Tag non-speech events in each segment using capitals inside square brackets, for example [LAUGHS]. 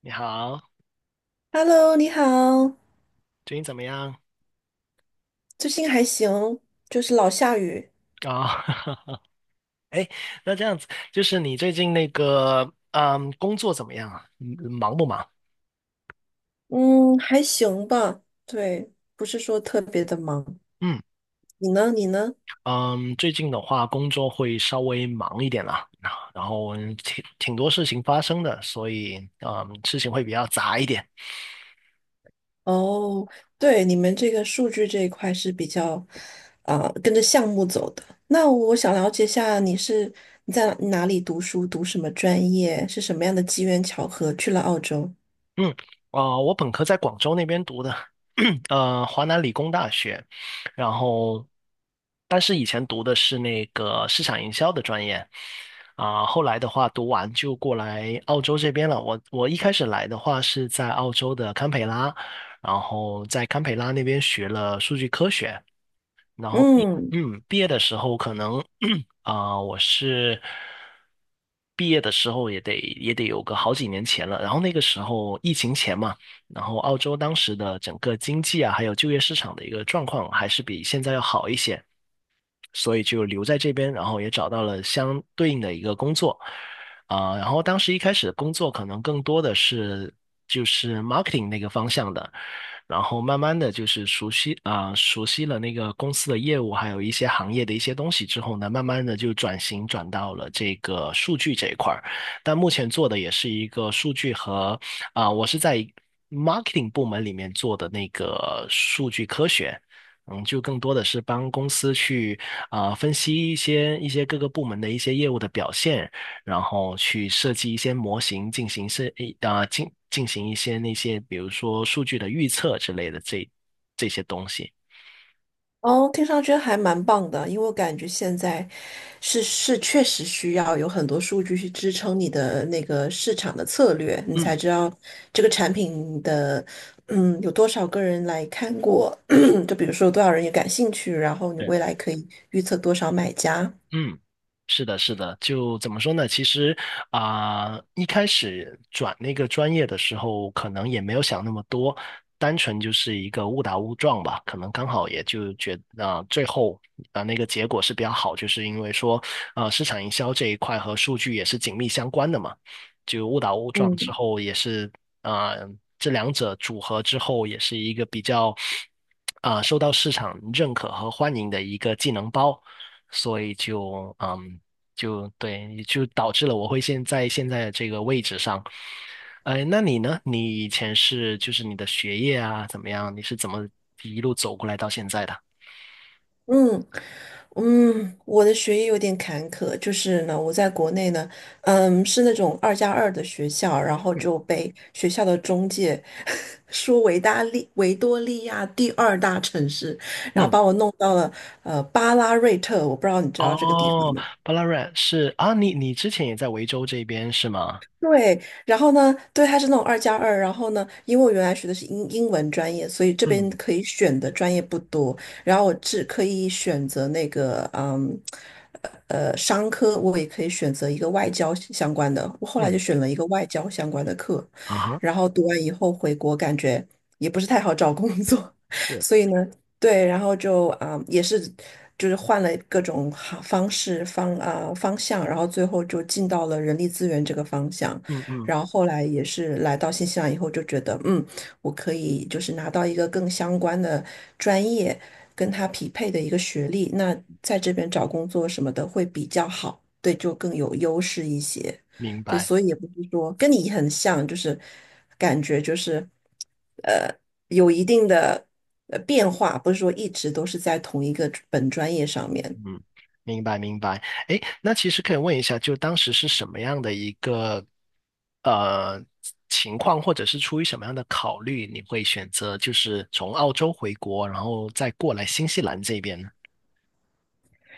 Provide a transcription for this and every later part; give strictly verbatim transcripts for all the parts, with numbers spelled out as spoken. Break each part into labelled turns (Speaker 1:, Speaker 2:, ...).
Speaker 1: 你好，
Speaker 2: Hello，你好，
Speaker 1: 最近怎么样？
Speaker 2: 最近还行，就是老下雨，
Speaker 1: 哦，[LAUGHS] 哎，那这样子，就是你最近那个，嗯，工作怎么样啊？嗯忙不忙？
Speaker 2: 嗯，还行吧，对，不是说特别的忙。
Speaker 1: 嗯
Speaker 2: 你呢？你呢？
Speaker 1: 嗯，最近的话，工作会稍微忙一点啦，然后挺挺多事情发生的，所以嗯，事情会比较杂一点。
Speaker 2: 哦，对，你们这个数据这一块是比较，啊、跟着项目走的。那我想了解一下，你是你在哪里读书，读什么专业，是什么样的机缘巧合去了澳洲？
Speaker 1: 嗯，啊、我本科在广州那边读的，[CLEARS THROAT] 呃，华南理工大学，然后，但是以前读的是那个市场营销的专业，啊、后来的话读完就过来澳洲这边了。我我一开始来的话是在澳洲的堪培拉，然后在堪培拉那边学了数据科学。然后毕
Speaker 2: 嗯。
Speaker 1: 嗯毕业的时候可能 [CLEARS THROAT] 啊、我是毕业的时候也得也得有个好几年前了，然后那个时候疫情前嘛，然后澳洲当时的整个经济啊，还有就业市场的一个状况还是比现在要好一些，所以就留在这边，然后也找到了相对应的一个工作，啊、然后当时一开始的工作可能更多的是就是 marketing 那个方向的，然后慢慢的就是熟悉啊、熟悉了那个公司的业务，还有一些行业的一些东西之后呢，慢慢的就转型转到了这个数据这一块儿，但目前做的也是一个数据和啊、我是在。marketing 部门里面做的那个数据科学，嗯，就更多的是帮公司去啊、呃分析一些一些各个部门的一些业务的表现，然后去设计一些模型进行设一啊进进行一些那些比如说数据的预测之类的这这些东西。
Speaker 2: 哦，听上去还蛮棒的，因为我感觉现在是是确实需要有很多数据去支撑你的那个市场的策略，你
Speaker 1: 嗯。
Speaker 2: 才知道这个产品的嗯有多少个人来看过，[CLEARS THROAT] 就比如说多少人也感兴趣，然后你
Speaker 1: 对。
Speaker 2: 未来可以预测多少买家。
Speaker 1: 嗯，是的，是的，就怎么说呢？其实啊、一开始转那个专业的时候，可能也没有想那么多，单纯就是一个误打误撞吧。可能刚好也就觉啊、最后啊、那个结果是比较好，就是因为说啊，市场营销这一块和数据也是紧密相关的嘛。就误打误撞之
Speaker 2: 嗯
Speaker 1: 后，也是啊、这两者组合之后，也是一个比较啊、受到市场认可和欢迎的一个技能包。所以就嗯，就对，就导致了我会现在现在的这个位置上。呃，那你呢？你以前是就是你的学业啊怎么样？你是怎么一路走过来到现在的？
Speaker 2: 嗯。嗯，我的学业有点坎坷，就是呢，我在国内呢，嗯，是那种二加二的学校，然后
Speaker 1: 嗯
Speaker 2: 就被学校的中介 [LAUGHS] 说维大利维多利亚第二大城市，然后
Speaker 1: 嗯，
Speaker 2: 把我弄到了呃巴拉瑞特，我不知道你知道这个地方
Speaker 1: 哦，
Speaker 2: 吗？
Speaker 1: 巴拉瑞是啊，你你之前也在维州这边是吗？
Speaker 2: 对，然后呢，对，它是那种二加二，然后呢，因为我原来学的是英英文专业，所以这边
Speaker 1: 嗯
Speaker 2: 可以选的专业不多，然后我只可以选择那个，嗯，呃，商科，我也可以选择一个外交相关的，我后来就
Speaker 1: 嗯，
Speaker 2: 选了一个外交相关的课，
Speaker 1: 啊哈，
Speaker 2: 然后读完以后回国，感觉也不是太好找工作，[LAUGHS]
Speaker 1: 是，
Speaker 2: 所以呢，对，然后就啊、呃也是就是换了各种好方式方啊、呃方向，然后最后就进到了人力资源这个方向。
Speaker 1: 嗯嗯，
Speaker 2: 然后后来也是来到新西兰以后，就觉得嗯，我可以就是拿到一个更相关的专业，跟他匹配的一个学历，那在这边找工作什么的会比较好，对，就更有优势一些。
Speaker 1: 明
Speaker 2: 对，
Speaker 1: 白。
Speaker 2: 所以也不是说跟你很像，就是感觉就是呃有一定的呃变化，不是说一直都是在同一个本专业上面。
Speaker 1: 嗯，明白明白。哎，那其实可以问一下，就当时是什么样的一个呃情况，或者是出于什么样的考虑，你会选择就是从澳洲回国，然后再过来新西兰这边呢？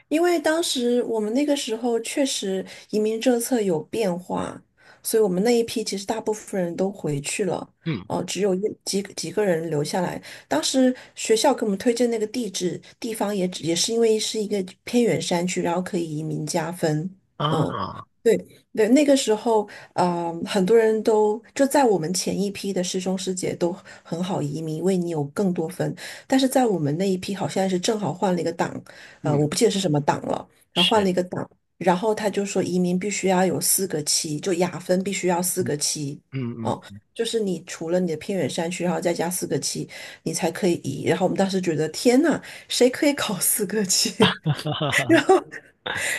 Speaker 2: 因为当时我们那个时候确实移民政策有变化，所以我们那一批其实大部分人都回去了，
Speaker 1: 嗯
Speaker 2: 哦、只有一几几个人留下来。当时学校给我们推荐那个地址地方也只也是因为是一个偏远山区，然后可以移民加分。嗯，
Speaker 1: 啊，
Speaker 2: 对对，那个时候啊、呃很多人都就在我们前一批的师兄师姐都很好移民，因为你有更多分，但是在我们那一批好像是正好换了一个档。呃，
Speaker 1: 嗯
Speaker 2: 我不记得是什么党了，然后换
Speaker 1: 是，
Speaker 2: 了一个党，然后他就说移民必须要有四个七，就雅分必须要四
Speaker 1: 嗯
Speaker 2: 个七，
Speaker 1: 嗯
Speaker 2: 哦，
Speaker 1: 嗯，
Speaker 2: 就是你除了你的偏远山区，然后再加四个七，你才可以移。然后我们当时觉得天呐，谁可以考四个七？
Speaker 1: [LAUGHS] 哈哈哈
Speaker 2: [LAUGHS] 然
Speaker 1: 哈
Speaker 2: 后。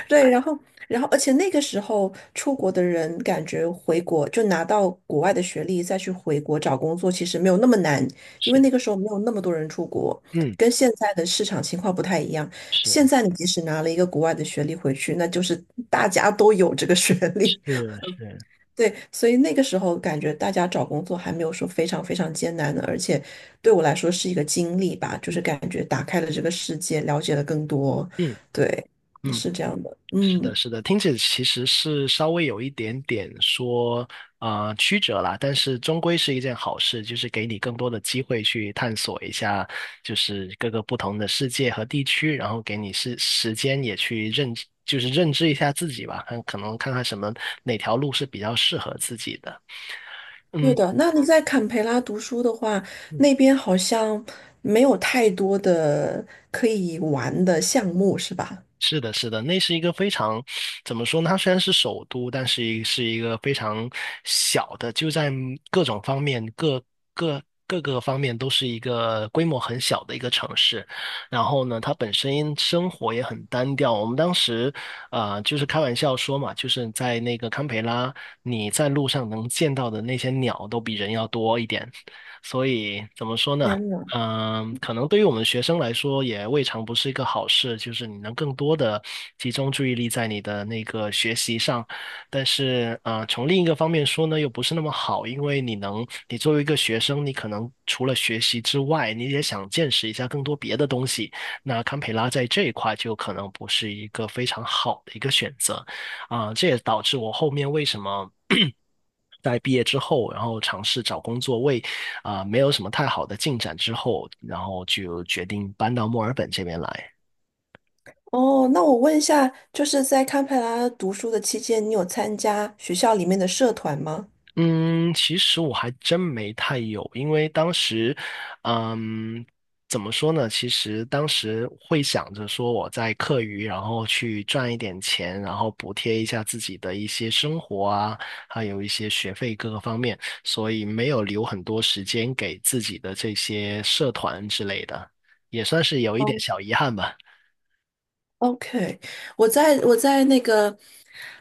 Speaker 2: 对，然后，然后，而且那个时候出国的人，感觉回国就拿到国外的学历，再去回国找工作，其实没有那么难，因为那
Speaker 1: 是，
Speaker 2: 个时候没有那么多人出国，
Speaker 1: 嗯
Speaker 2: 跟现在的市场情况不太一样。现
Speaker 1: 是
Speaker 2: 在你即使拿了一个国外的学历回去，那就是大家都有这个学历，
Speaker 1: 是是，
Speaker 2: [LAUGHS] 对，所以那个时候感觉大家找工作还没有说非常非常艰难的，而且对我来说是一个经历吧，就是感觉打开了这个世界，了解了更多，
Speaker 1: 嗯
Speaker 2: 对，
Speaker 1: 嗯。
Speaker 2: 是这样的，
Speaker 1: 是的，
Speaker 2: 嗯。
Speaker 1: 是的，听起来其实是稍微有一点点说啊呃曲折啦，但是终归是一件好事，就是给你更多的机会去探索一下，就是各个不同的世界和地区，然后给你是时间也去认知就是认知一下自己吧，看可能看看什么哪条路是比较适合自己的。
Speaker 2: 对
Speaker 1: 嗯
Speaker 2: 的，那你在坎培拉读书的话，
Speaker 1: 嗯。
Speaker 2: 那边好像没有太多的可以玩的项目，是吧？
Speaker 1: 是的，是的，那是一个非常，怎么说呢？它虽然是首都，但是一是一个非常小的，就在各种方面、各各各个方面都是一个规模很小的一个城市。然后呢，它本身生活也很单调。我们当时，呃，就是开玩笑说嘛，就是在那个堪培拉，你在路上能见到的那些鸟都比人要多一点。所以怎么说呢？
Speaker 2: 天呐！
Speaker 1: 嗯，可能对于我们学生来说，也未尝不是一个好事，就是你能更多的集中注意力在你的那个学习上。但是，呃，从另一个方面说呢，又不是那么好，因为你能，你作为一个学生，你可能除了学习之外，你也想见识一下更多别的东西。那堪培拉在这一块就可能不是一个非常好的一个选择，啊、这也导致我后面为什么 [CLEARS THROAT]。在毕业之后，然后尝试找工作，为啊、呃没有什么太好的进展之后，然后就决定搬到墨尔本这边来。
Speaker 2: 哦，那我问一下，就是在堪培拉读书的期间，你有参加学校里面的社团吗？
Speaker 1: 嗯，其实我还真没太有，因为当时，嗯，怎么说呢？其实当时会想着说我在课余，然后去赚一点钱，然后补贴一下自己的一些生活啊，还有一些学费各个方面，所以没有留很多时间给自己的这些社团之类的，也算是有一点小遗憾吧。
Speaker 2: OK，我在我在那个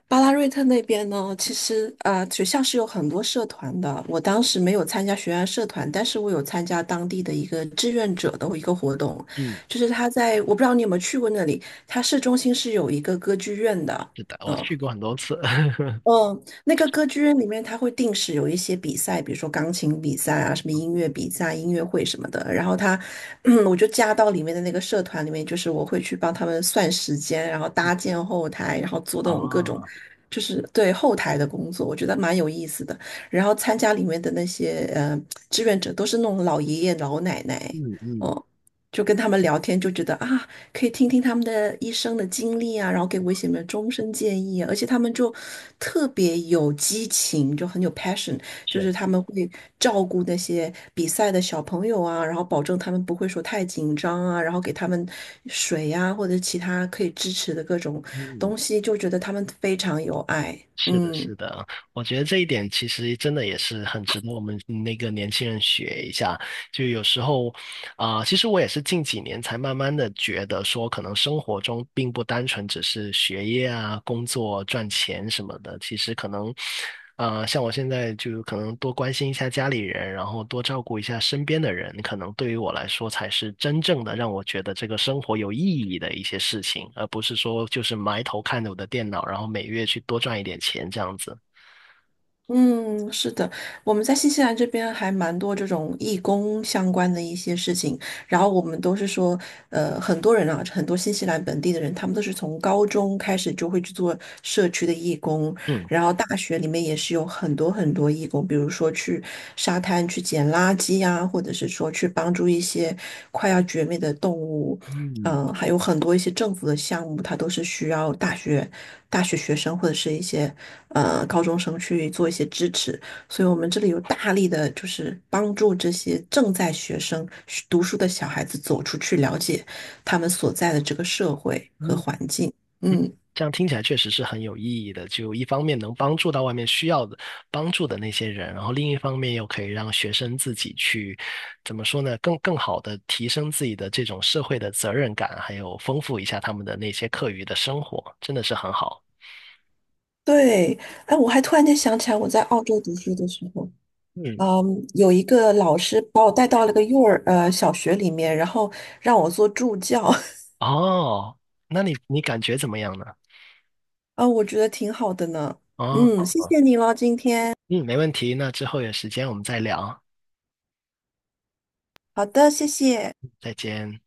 Speaker 2: 巴拉瑞特那边呢，其实啊、学校是有很多社团的。我当时没有参加学院社团，但是我有参加当地的一个志愿者的一个活动，
Speaker 1: 嗯。
Speaker 2: 就是他在我不知道你有没有去过那里，他市中心是有一个歌剧院的，
Speaker 1: 是的，我
Speaker 2: 嗯，
Speaker 1: 去过很多次。[LAUGHS]
Speaker 2: 嗯，那个歌剧院里面，它会定时有一些比赛，比如说钢琴比赛啊，什么音乐比赛、音乐会什么的。然后它，[CLEARS THROAT] 嗯，我就加到里面的那个社团里面，就是我会去帮他们算时间，然后搭建后台，然后做那种各种，
Speaker 1: 哦，
Speaker 2: 就是对后台的工作，我觉得蛮有意思的。然后参加里面的那些呃志愿者，都是那种老爷爷老奶奶，
Speaker 1: 嗯嗯，
Speaker 2: 哦，就跟他们聊天，就觉得啊，可以听听他们的一生的经历啊，然后给我一些什么终身建议啊，而且他们就特别有激情，就很有 passion，就
Speaker 1: 是，
Speaker 2: 是他们会照顾那些比赛的小朋友啊，然后保证他们不会说太紧张啊，然后给他们水呀、或者其他可以支持的各种
Speaker 1: 嗯，
Speaker 2: 东西，就觉得他们非常有爱，
Speaker 1: 是的，
Speaker 2: 嗯。
Speaker 1: 是的，我觉得这一点其实真的也是很值得我们那个年轻人学一下。就有时候啊、呃其实我也是近几年才慢慢的觉得说，可能生活中并不单纯只是学业啊、工作、赚钱什么的。其实可能，呃，像我现在就可能多关心一下家里人，然后多照顾一下身边的人，可能对于我来说才是真正的让我觉得这个生活有意义的一些事情，而不是说就是埋头看着我的电脑，然后每月去多赚一点钱这样子。
Speaker 2: 嗯，是的，我们在新西兰这边还蛮多这种义工相关的一些事情，然后我们都是说，呃，很多人啊，很多新西兰本地的人，他们都是从高中开始就会去做社区的义工，
Speaker 1: 嗯。
Speaker 2: 然后大学里面也是有很多很多义工，比如说去沙滩去捡垃圾呀，或者是说去帮助一些快要绝灭的动物，
Speaker 1: 嗯
Speaker 2: 嗯、还有很多一些政府的项目，它都是需要大学大学学生或者是一些呃高中生去做一些支持。所以我们这里有大力的，就是帮助这些正在学生读书的小孩子走出去，了解他们所在的这个社会和
Speaker 1: 嗯，
Speaker 2: 环境。嗯，
Speaker 1: 这样听起来确实是很有意义的。就一方面能帮助到外面需要的帮助的那些人，然后另一方面又可以让学生自己去，怎么说呢，更更好的提升自己的这种社会的责任感，还有丰富一下他们的那些课余的生活，真的是很好。
Speaker 2: 对，哎，我还突然间想起来，我在澳洲读书的时候，
Speaker 1: 嗯，
Speaker 2: 嗯，有一个老师把我带到了个幼儿呃小学里面，然后让我做助教，
Speaker 1: 哦，那你你感觉怎么样呢？
Speaker 2: [LAUGHS] 啊，我觉得挺好的呢。嗯，
Speaker 1: 哦，
Speaker 2: 谢谢你咯，今天。
Speaker 1: 嗯，没问题。那之后有时间我们再聊，
Speaker 2: 好的，谢谢。
Speaker 1: 再见。